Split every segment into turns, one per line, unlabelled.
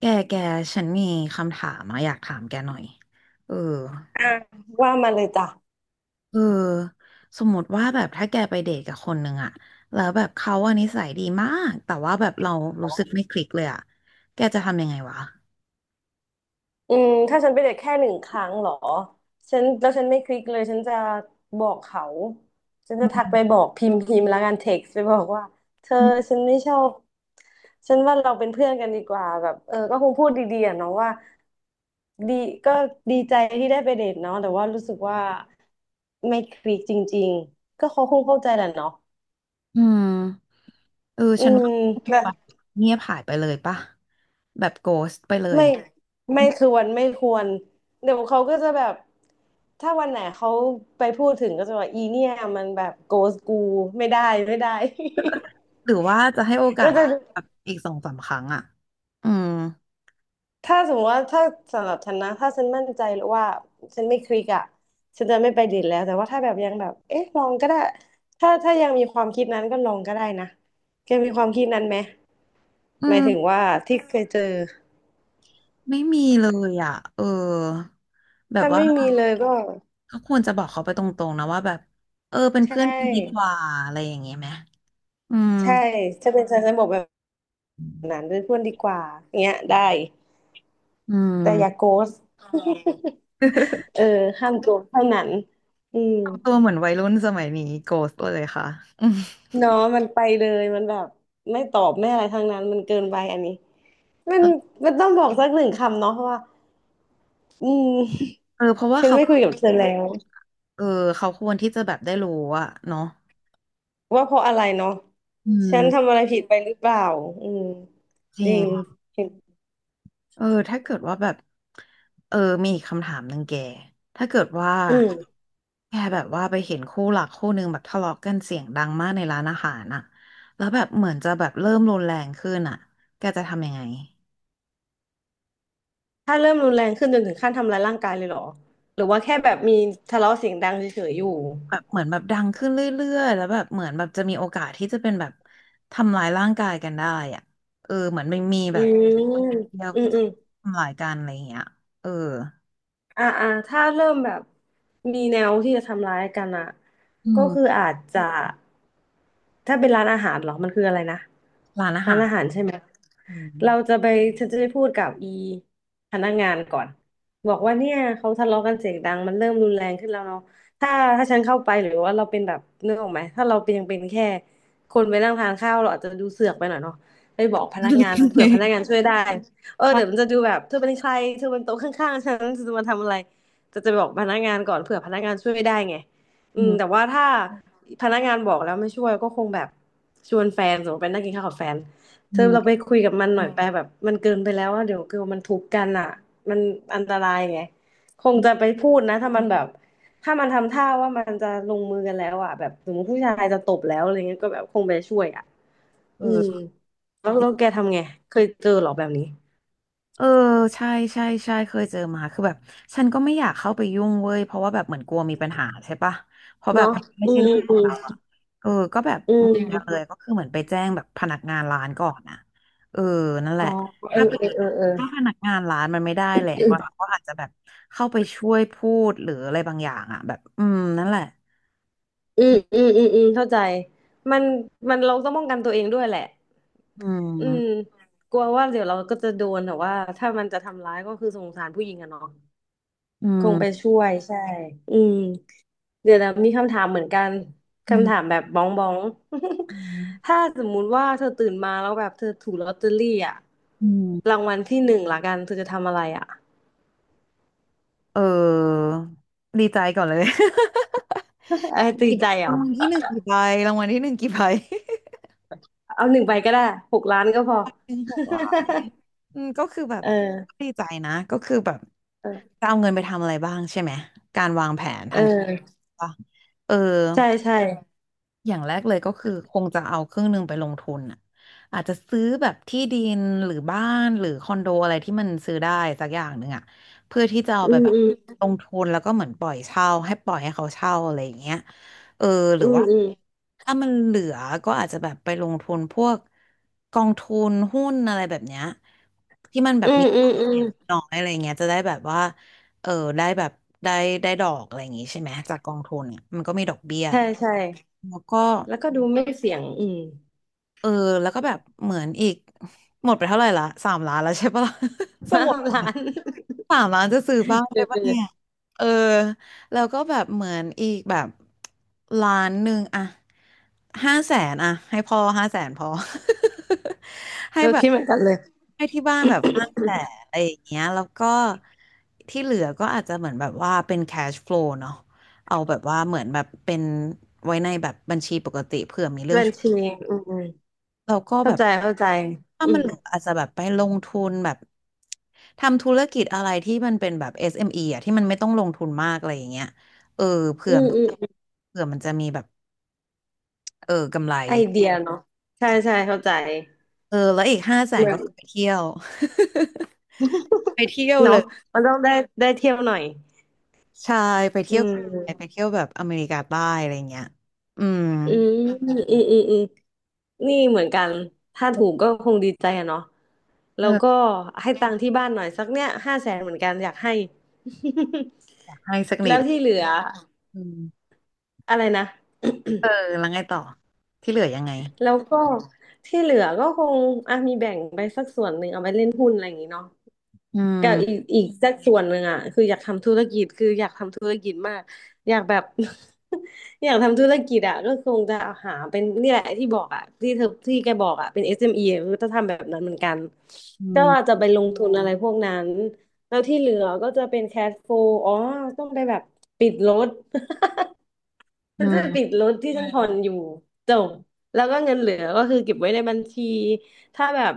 แก แก ฉันมีคำถามอะอยากถามแกหน่อยเออ
อ่ะว่ามาเลยจ้ะ
เออสมมติว่าแบบถ้าแกไปเดทกับคนหนึ่งอะแล้วแบบเขาอะนิสัยดีมาก แต่ว่าแบบเรารู้สึกไม่คลิกเลยอะแกจะทำยังไงวะ
ถ้าฉันไปเดทแค่หนึ่งครั้งเหรอแล้วฉันไม่คลิกเลยฉันจะบอกเขาฉันจะทักไปบอกพิมพ์พิมพ์แล้วกันเท็กซ์ไปบอกว่าเธอ
อืม
ฉันไม่ชอบฉันว่าเราเป็นเพื่อนกันดีกว่าแบบเออก็คงพูดดีๆอ่ะเนาะว่าดีก็ดีใจที่ได้ไปเดทเนาะแต่ว่ารู้สึกว่าไม่คลิกจริงๆก็เขาคงเข้าใจแหละเนาะ
อืมเออ
อื
ฉันว่า
ม
เงียบหายไปเลยป่ะแบบโกสต์ไปเลย
ไม่
อื
ไม่
ม
ควรไม่ควรเดี๋ยวเขาก็จะแบบถ้าวันไหนเขาไปพูดถึงก็จะว่าอีเนี่ยมันแบบโกสกูไม่ได้ไม่ได้
หรือว่าจะให้โอ กา
ก็
ส
จะ
แบบอีกสองสามครั้งอะอืม
ถ้าสมมติว่าถ้าสำหรับฉันนะถ้าฉันมั่นใจแล้วว่าฉันไม่คลิกอ่ะฉันจะไม่ไปดีดแล้วแต่ว่าถ้าแบบยังแบบเอ๊ะลองก็ได้ถ้ายังมีความคิดนั้นก็ลองก็ได้นะแกมีความคิดนั้นไหม
อื
หมายถึง
ม
ว่าที่เคยเจอ
ไม่มีเลยอ่ะ เออ แบบ
ถ้า
ว่า
ไม่มีเลยก็
ก็ควรจะบอกเขาไปตรงๆนะว่าแบบ เออเป็น
ใช
เพื่อนกันดีก
่
ว่าอะไรอย่างเงี้ยไหมอืม
ใช่ถ้าเป็นฉันฉันบอกแบบ นั้นเป็นเพื่อนดีกว่าเงี้ยได้
อื
แต่อย่าโก
ม
ส เออ ห้ามโกสเท่านั้นอืม
ทำตัวเหมือนวัยรุ่นสมัยนี้โกสเลยค่ะอืม
เนาะมันไปเลยมันแบบไม่ตอบไม่อะไรทั้งนั้นมันเกินไปอันนี้มัน
เออ
มันต้องบอกสักหนึ่งคำเนาะว่าอืม
เออเพราะ ว่า
ฉัน
เขา
ไม่คุยกับเธอแล้ว
เออเขาควรที่จะแบบได้รู้อะเนาะ
ว่าเพราะอะไรเนาะ
อื
ฉันทำ
ม
อะไรผิดไปหรือเปล่าอืม
จ
จ
ริ
ริง
ง
เห็น
เออถ้าเกิดว่าแบบเออมีอีกคำถามหนึ่งแกถ้าเกิดว่า
อืม
แกแบบว่าไปเห็นคู่รักคู่หนึ่งแบบทะเลาะกันเสียงดังมากในร้านอาหารอะแล้วแบบเหมือนจะแบบเริ่มรุนแรงขึ้นอะแกจะทำยังไง
ถ้าเริ่มรุนแรงขึ้นจนถึงขั้นทำร้ายร่างกายเลยเหรอหรือว่าแค่แบบมีทะเลาะเสียงดังเฉยๆอยู่
แบบเหมือนแบบดังขึ้นเรื่อยๆแล้วแบบเหมือนแบบจะมีโอกาสที่จะเป็นแบบทำร้ายร่างกายกันได้อะเออเหมือนไม่มี
อื
แบบ
ม
เดียว
อืม
ที่
อื
จะ
ม
ทำร้ายกันอะไรอย่างเงี้ยเออ
ถ้าเริ่มแบบมีแนวที่จะทำร้ายกันอ่ะ
อื
ก็
ม
คืออาจจะถ้าเป็นร้านอาหารเหรอมันคืออะไรนะ
ร้านอา
ร้าน
หาร
อาหารใช่ไหม
อื
เราจะ
ม
ไปฉันจะไปพูดกับอีพนักงานก่อนบอกว่าเนี่ยเขาทะเลาะกันเสียงดังมันเริ่มรุนแรงขึ้นแล้วเนาะถ้าถ้าฉันเข้าไปหรือว่าเราเป็นแบบนึกออกไหมถ้าเราเป็นยังเป็นแค่คนไปนั่งทานข้าวเราอาจจะดูเสือกไปหน่อยเนาะไปบอกพนักงาน เผื่
อื
อพนักงา
ม
นช่วยได้ เออเดี๋ยวมันจะดูแบบเธอเป็นใครเธอเป็นโต๊ะข้างๆฉันเธอจะมาทำอะไรจะบอกพนักงานก่อนเผื่อพนักงานช่วยไม่ได้ไงอืม
อื
แต่ว่าถ้าพนักงานบอกแล้วไม่ช่วยก็คงแบบชวนแฟนสมมติไปนั่งกินข้าวกับแฟนเธอ
ม
เราไปคุยกับมันหน่อยไปแบบมันเกินไปแล้วว่าเดี๋ยวคือมันทุบกันอะมันอันตรายไงคงจะไปพูดนะถ้ามันแบบถ้ามันทำท่าว่ามันจะลงมือกันแล้วอะแบบสมมติผู้ชายจะตบแล้วอะไรเงี้ยก็แบบคงไปช่วยอะ
เอ
อืม
อ
แล้วแกทำไงเคยเจอหรอแบบนี้
เออใช่ใช่เคยเจอมาคือแบบฉันก็ไม่อยากเข้าไปยุ่งเว้ยเพราะว่าแบบเหมือนกลัวมีปัญหาใช่ปะเพราะแบบ
เนาะ
มันไม่
อื
ใช่
ม
เรื่องข
อื
อง
ม
เราอะเออก็แบบ
อืม
เหมื
จ
อ
ริ
นกันเลยก็คือเหมือนไปแจ้งแบบพนักงานร้านก่อนนะเออนั่นแห
อ๋อ
ละ
เออ
ถ้าพนักถ้าพนักงานร้านมันไม่ได้แหละเราก็อาจจะแบบเข้าไปช่วยพูดหรืออะไรบางอย่างอะแบบอืมนั่นแหละ
อืมอืมอืมอืมเข้าใจมันมันเราต้องป้องกันตัวเองด้วยแหละ
อื
อืม
ม
กลัวว่าเดี๋ยวเราก็จะโดนแต่ว่าถ้ามันจะทำร้ายก็คือสงสารผู้หญิงอะเนาะ
อื
คงไป
ม
ช่วยใช่อืมเดี๋ยวนะมีคำถามเหมือนกัน
อื
คำถาม
ม
แบบบ้องบ้อง
อืม
ถ้าสมมุติว่าเธอตื่นมาแล้วแบบเธอถูกลอตเตอรี่อะ
อื
รา
ม
งวัลที่หนึ่งละกันเธอจะทำอะไรอะ
เออดีใจก่อนเลย
ไอ้ตี
กี่ใบ
ใจเหร
รา
อ
งวัลที่หนึ่งกี่ใบรางวัลที่หนึ่งกี่ใบ
เอาหนึ่งใบก็ได้หกล้านก็พอ
หนึ่งหก ล้านอืมก็คือแบบ
เออ
ดีใจนะก็คือแบบ
เออ
จะเอาเงินไปทำอะไรบ้างใช่ไหมการวางแผน
เอ
ทาง
อ
ป่ะเออ
ใช่ใช่
อย่างแรกเลยก็คือคงจะเอาครึ่งหนึ่งไปลงทุนอ่ะอาจจะซื้อแบบที่ดินหรือบ้านหรือคอนโดอะไรที่มันซื้อได้สักอย่างหนึ่งอ่ะเพื่อที่จะเอา
อื
ไป
ม
แบบ
อืม
ลงทุนแล้วก็เหมือนปล่อยเช่าให้ปล่อยให้เขาเช่าอะไรอย่างเงี้ยเออหรื
อื
อ
ม
ว่า
อืม
ถ้ามันเหลือก็อาจจะแบบไปลงทุนพวกกองทุนหุ้นอะไรแบบเนี้ยที่มันแบ
อื
บ
ม
มี
อื
ควา
ม
ม
อืม
เสี่ยงน้อยอะไรเงี้ยจะได้แบบว่าเออได้แบบได้ได้ดอกอะไรอย่างงี้ใช่ไหมจากกองทุนเนี่ยมันก็มีดอกเบี้ย
ใช่ใช่
แล้วก็
แล้วก็ดูไม่เสี่ยงอืม
เออแล้วก็แบบเหมือนอีกหมดไปเท่าไหร่ละสามล้านแล้วใช่ปะล่ะ ส
ห้า
มุด
ล้าน
สามล้านจะซื้อบ้าน
เออ
ได้
เอ
ปะเนี่ย
อ
เออแล้วก็แบบเหมือนอีกแบบล้านหนึ่งอะห้าแสนอะให้พ่อห้าแสนพอ ให้
เออ
แบ
คิ
บ
ดเหมือนกันเลย
ให้ที่บ้านแบบห้าแสนอะไรอย่างเงี้ยแล้วก็ที่เหลือก็อาจจะเหมือนแบบว่าเป็น cash flow เนาะเอาแบบว่าเหมือนแบบเป็นไว้ในแบบบัญชีปกติเผื่อมีเรื่อ
บั
ง
ญชีอืมอืม
เราก็แบ
เข้า
บ
ใจเข้าใจ
ถ้า
อื
มัน
ม
เหลืออาจจะแบบไปลงทุนแบบทำธุรกิจอะไรที่มันเป็นแบบ SME อสเอ็มอีอ่ะที่มันไม่ต้องลงทุนมากอะไรอย่างเงี้ยเออเผื่
อื
อ
ม
มัน
อืม
เผื่อมันจะมีแบบเออกำไร
ไอเดียเนาะใช่ใช่เข้าใจ
เออแล้วอีกห้าแส
เห
น
มือ
ก็
น
ไปเที่ยว ไปเที่ยวเล
เนาะ
ย
มันต้องได้ได้เที่ยวหน่อย
ใช่ไป
อื
เที่ยวไป
ม
เที่ยวแบบอเมริกาใต้อะไรอย่างเงี้ยอืม
อืมอืมอืมอืมนี่เหมือนกันถ้าถูกก็คงดีใจอะเนาะแล้
เอ
ว
อ
ก็ให้ตังค์ที่บ้านหน่อยสักเนี้ยห้าแสนเหมือนกันอยากให้
ให้สัก นิ
แล้
ด
วที่เหลือ
อืม
อะไรนะ
เออแล้วไงต่อที่เหลือยังไง
แล้วก็ที่เหลือก็คงอ่ะมีแบ่งไปสักส่วนหนึ่งเอาไปเล่นหุ้นอะไรอย่างงี้เนาะ
อื
กับอีก
ม
อีกสักส่วนหนึ่งอ่ะคืออยากทำธุรกิจคืออยากทำธุรกิจมากอยากแบบ อยากทำธุรกิจอ่ะก็คงจะหาเป็นนี่แหละที่บอกอ่ะที่เธอที่แกบอกอ่ะเป็น SME อสเอ็มอีอะคือจะทำแบบนั้นเหมือนกัน
อื
ก็ว่าจะ
ม
ไปลงทุนอะไรพวกนั้นแล้วที่เหลือก็จะเป็นแคชโฟลอ๋อต้องไปแบบปิดรถ
อื
ฉันจะปิด
ม
รถที่ฉันผ่อนอยู่จบแล้วก็เงินเหลือก็คือเก็บไว้ในบัญชีถ้าแบบ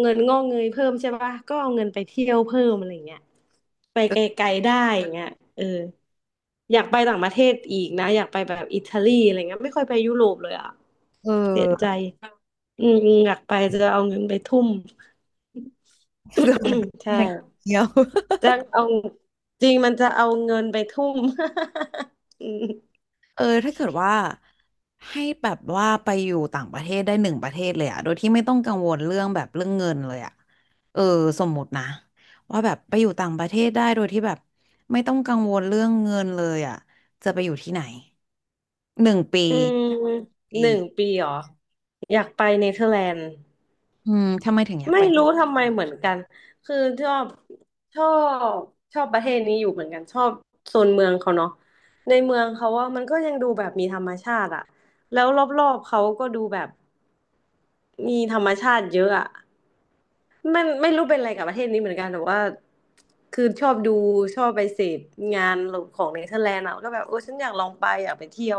เงินงอกเงยเพิ่มใช่ปะก็เอาเงินไปเที่ยวเพิ่มอะไรเงี้ยไปไกลๆได้อย่างเงี้ยเอออยากไปต่างประเทศอีกนะอยากไปแบบอิตาลีอะไรเงี้ยไม่ค่อยไปยุโรปเลยอ่ะ
เ
เสียใจ
ออ
อืมอยากไปจะเอาเงินไปทุ่ม
เกิดมาเป็น
ใช่
เด็กเดียว
จะเอาจริงมันจะเอาเงินไปทุ่ม อืม
เออถ้าเกิดว่าให้แบบว่าไปอยู่ต่างประเทศได้หนึ่งประเทศเลยอะโดยที่ไม่ต้องกังวลเรื่องแบบเรื่องเงินเลยอะเออสมมตินะว่าแบบไปอยู่ต่างประเทศได้โดยที่แบบไม่ต้องกังวลเรื่องเงินเลยอะจะไปอยู่ที่ไหนหนึ่งปี
ห
ปี
นึ่งปีเหรออยากไปเนเธอร์แลนด์
อืมทำไมถึงอยาก
ไม่
ไป
รู้ทำไมเหมือนกันคือชอบชอบชอบประเทศนี้อยู่เหมือนกันชอบโซนเมืองเขาเนาะในเมืองเขาว่ามันก็ยังดูแบบมีธรรมชาติอะแล้วรอบๆเขาก็ดูแบบมีธรรมชาติเยอะอะมันไม่รู้เป็นอะไรกับประเทศนี้เหมือนกันแต่ว่าคือชอบดูชอบไปเสพงานของเนเธอร์แลนด์อะก็แบบโอ้ฉันอยากลองไปอยากไปเที่ยว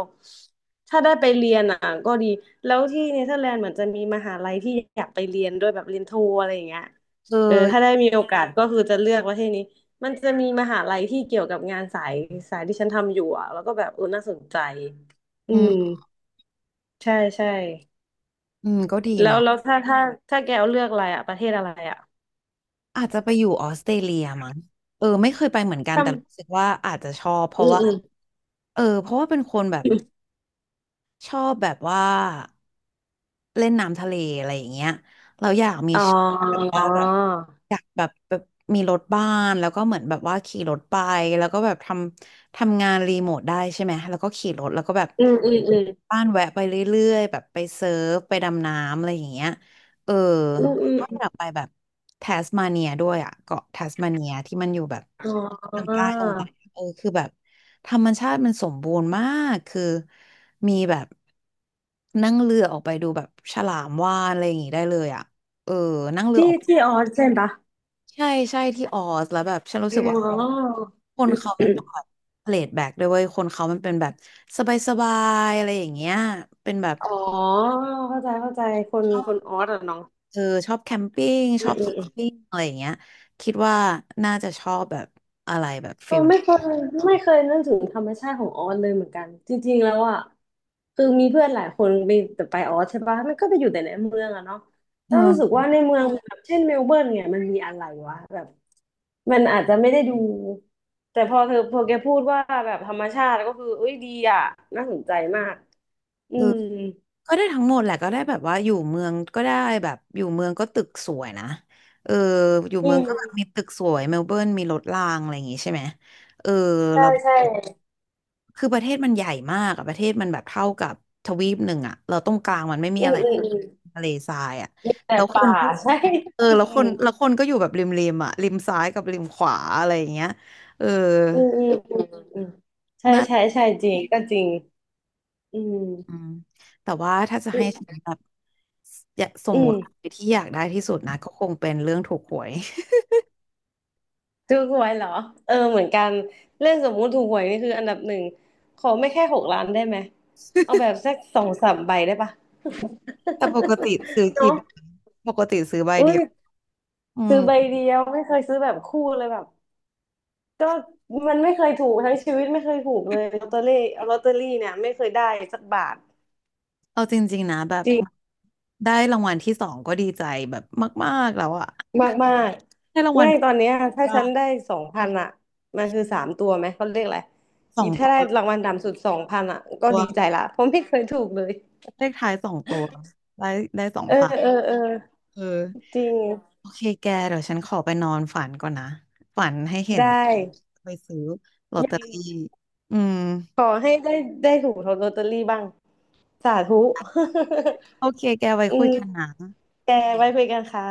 ถ้าได้ไปเรียนอ่ะก็ดีแล้วที่เนเธอร์แลนด์เหมือนจะมีมหาลัยที่อยากไปเรียนด้วยแบบเรียนโทอะไรอย่างเงี้ย
เ
เออถ้าได้
ออ
มีโอกาสก็คือจะเลือกประเทศนี้มันจะมีมหาลัยที่เกี่ยวกับงานสายที่ฉันทำอยู่อ่ะแล้วก็แบบเออน่าสนใจอื
อื
ม
ม
ใช่ใช่
อืมก็ดี
แล้ว
เนาะ
แล้วถ้าถ้าแกเอาเลือกอะไรอ่ะประเทศอะไรอ่ะ
อาจจะไปอยู่ออสเตรเลียมั้งเออไม่เคยไปเหมือนกัน
ทำ
แต่รู้สึกว่าอาจจะชอบเพ
อื
ราะ
ม
ว่า
อืม
เออเพราะว่าเป็นคนแบบ ชอบแบบว่าเล่นน้ำทะเลอะไรอย่างเงี้ยเราอยากมี
อ๋อ
แบบว่าแบบอยากแบบแบบมีรถบ้านแล้วก็เหมือนแบบว่าขี่รถไปแล้วก็แบบทำงานรีโมทได้ใช่ไหมแล้วก็ขี่รถแล้วก็แบบ
อืมอืมอืม
บ้านแวะไปเรื่อยๆแบบไปเซิร์ฟไปดำน้ำอะไรอย่างเงี้ยเออ
อืมอื
แล้ว
ม
ก็อยากไปแบบแทสมาเนียด้วยอ่ะเกาะแทสมาเนียที่มันอยู่แบบ
อ๋อ
ทางใต้ลงไปเออคือแบบธรรมชาติมันสมบูรณ์มากคือมีแบบนั่งเรือออกไปดูแบบฉลามวาฬอะไรอย่างงี้ได้เลยอ่ะเออนั่งเรือ
ที่
ออก
ที่ออสใช่ปะ
ใช่ใช่ที่ออสแล้วแบบฉันรู้สึกว่าคน
อ๋อ
คนเขามันเป็นแบบเพลทแบ็กด้วยเวยคนเขามันเป็นแบบสบายๆอะไรอย่างเงี้ยเป็นแบบ
อ๋อเข้าใจเข้าใจคน
ชอ
คน
บ
ออสอ่ะเนาะ
เออชอบแคมปิ้ง
อื
ชอ
ม
บส
อื
กู
ม
ปิ้งอะไรอย่างเงี้ยคิดว่าน่าจะชอบแบบอะไรแบบ
เอ
ฟิ
อ
ล
ไม่เคยนึกถึงธรรมชาติของออสเลยเหมือนกันจริงๆแล้วอ่ะคือมีเพื่อนหลายคนไปแต่ไปออสใช่ปะมันก็ไปอยู่แต่ในเมืองอะเนาะ
เ
แล้วรู้สึก
ออ
ว่าในเมืองแบบเช่นเมลเบิร์นเนี่ยมันมีอะไรวะแบบมันอาจจะไม่ได้ดูแต่พอเธอพอแกพูดว่าแบบธรรมชาติก็คือเอ้ยดีอ่ะน่าสนใจมากอื
เออ
ม
ก็ได้ทั้งหมดแหละก็ได้แบบว่าอยู่เมืองก็ได้แบบอยู่เมืองก็ตึกสวยนะเอออยู่
อื
เมือง
ม
ก็แบบมีตึกสวยเมลเบิร์นมีรถรางอะไรอย่างงี้ใช่ไหมเออ
ใช่
เรา
ใช่
คือประเทศมันใหญ่มากอะประเทศมันแบบเท่ากับทวีปหนึ่งอะเราตรงกลางมันไม่มี
อื
อะ
ม
ไร
อืมอืม
ทะเลทรายอะ
มีแต่
แล้วค
ป่า
นก็
ใช่
เออแล้วคนก็อยู่แบบริมอะริมซ้ายกับริมขวาอะไรอย่างเงี้ยเออ
อืมอืมอืมอืมอืมใช่
น่า
ใช่ใช่จริงก็จริงอื
อื
ม
มแต่ว่าถ้าจะ
อื
ให้ฉั
ม
นแบบอยากส
อื
มม
ม
ติที่อยากได้ที่สุดนะก็คงเป็นเรื่องถูกหวย
ถูกหวยเหรอเออเหมือนกันเรื่องสมมุติถูกหวยนี่คืออันดับ 1ขอไม่แค่6 ล้านได้ไหมเอาแบบสักสองสามใบได้ปะ
แต่ปกติซื้อ กี่
เนาะ
ใบปกติซื้อใบ
อุ้
เดี
ย
ยวอืม
ซื้อใบเดียวไม่เคยซื้อแบบคู่เลยแบบก็มันไม่เคยถูกทั้งชีวิตไม่เคยถูกเลยลอตเตอรี่เนี่ยไม่เคยได้สักบาท
เอาจริงๆนะแบบ
จริง
ได้รางวัลที่สองก็ดีใจแบบมากๆแล้วอะ
มากมาก
ได้รางวั
ไม่
ล
ตอนเนี้ยถ้า
ว่า
ฉันได้สองพันอ่ะมันคือ3 ตัวไหมเขาเรียกอะไร
สอ
อี
ง
ถ้า
ตัว
ได้รางวัลต่ำสุดสองพันอ่ะก็
ตัว
ดีใจละเพราะไม่เคยถูกเลย
เลขท้ายสองตัวได้ได้สอง
เออ
พัน
เออเออ
เออ
จริง
โอเคแกเดี๋ยวฉันขอไปนอนฝันก่อนนะฝันให้เห็
ได
นแล้ว
้
ไปซื้อลอต
ยั
เตอรี่
ง
อืม
ขอให้ได้ได้ถูกลอตเตอรี่บ้างสาธุ
โอเคแกไว้
อื
คุย
ม
กันนะ
แกไว้คุยกันค่ะ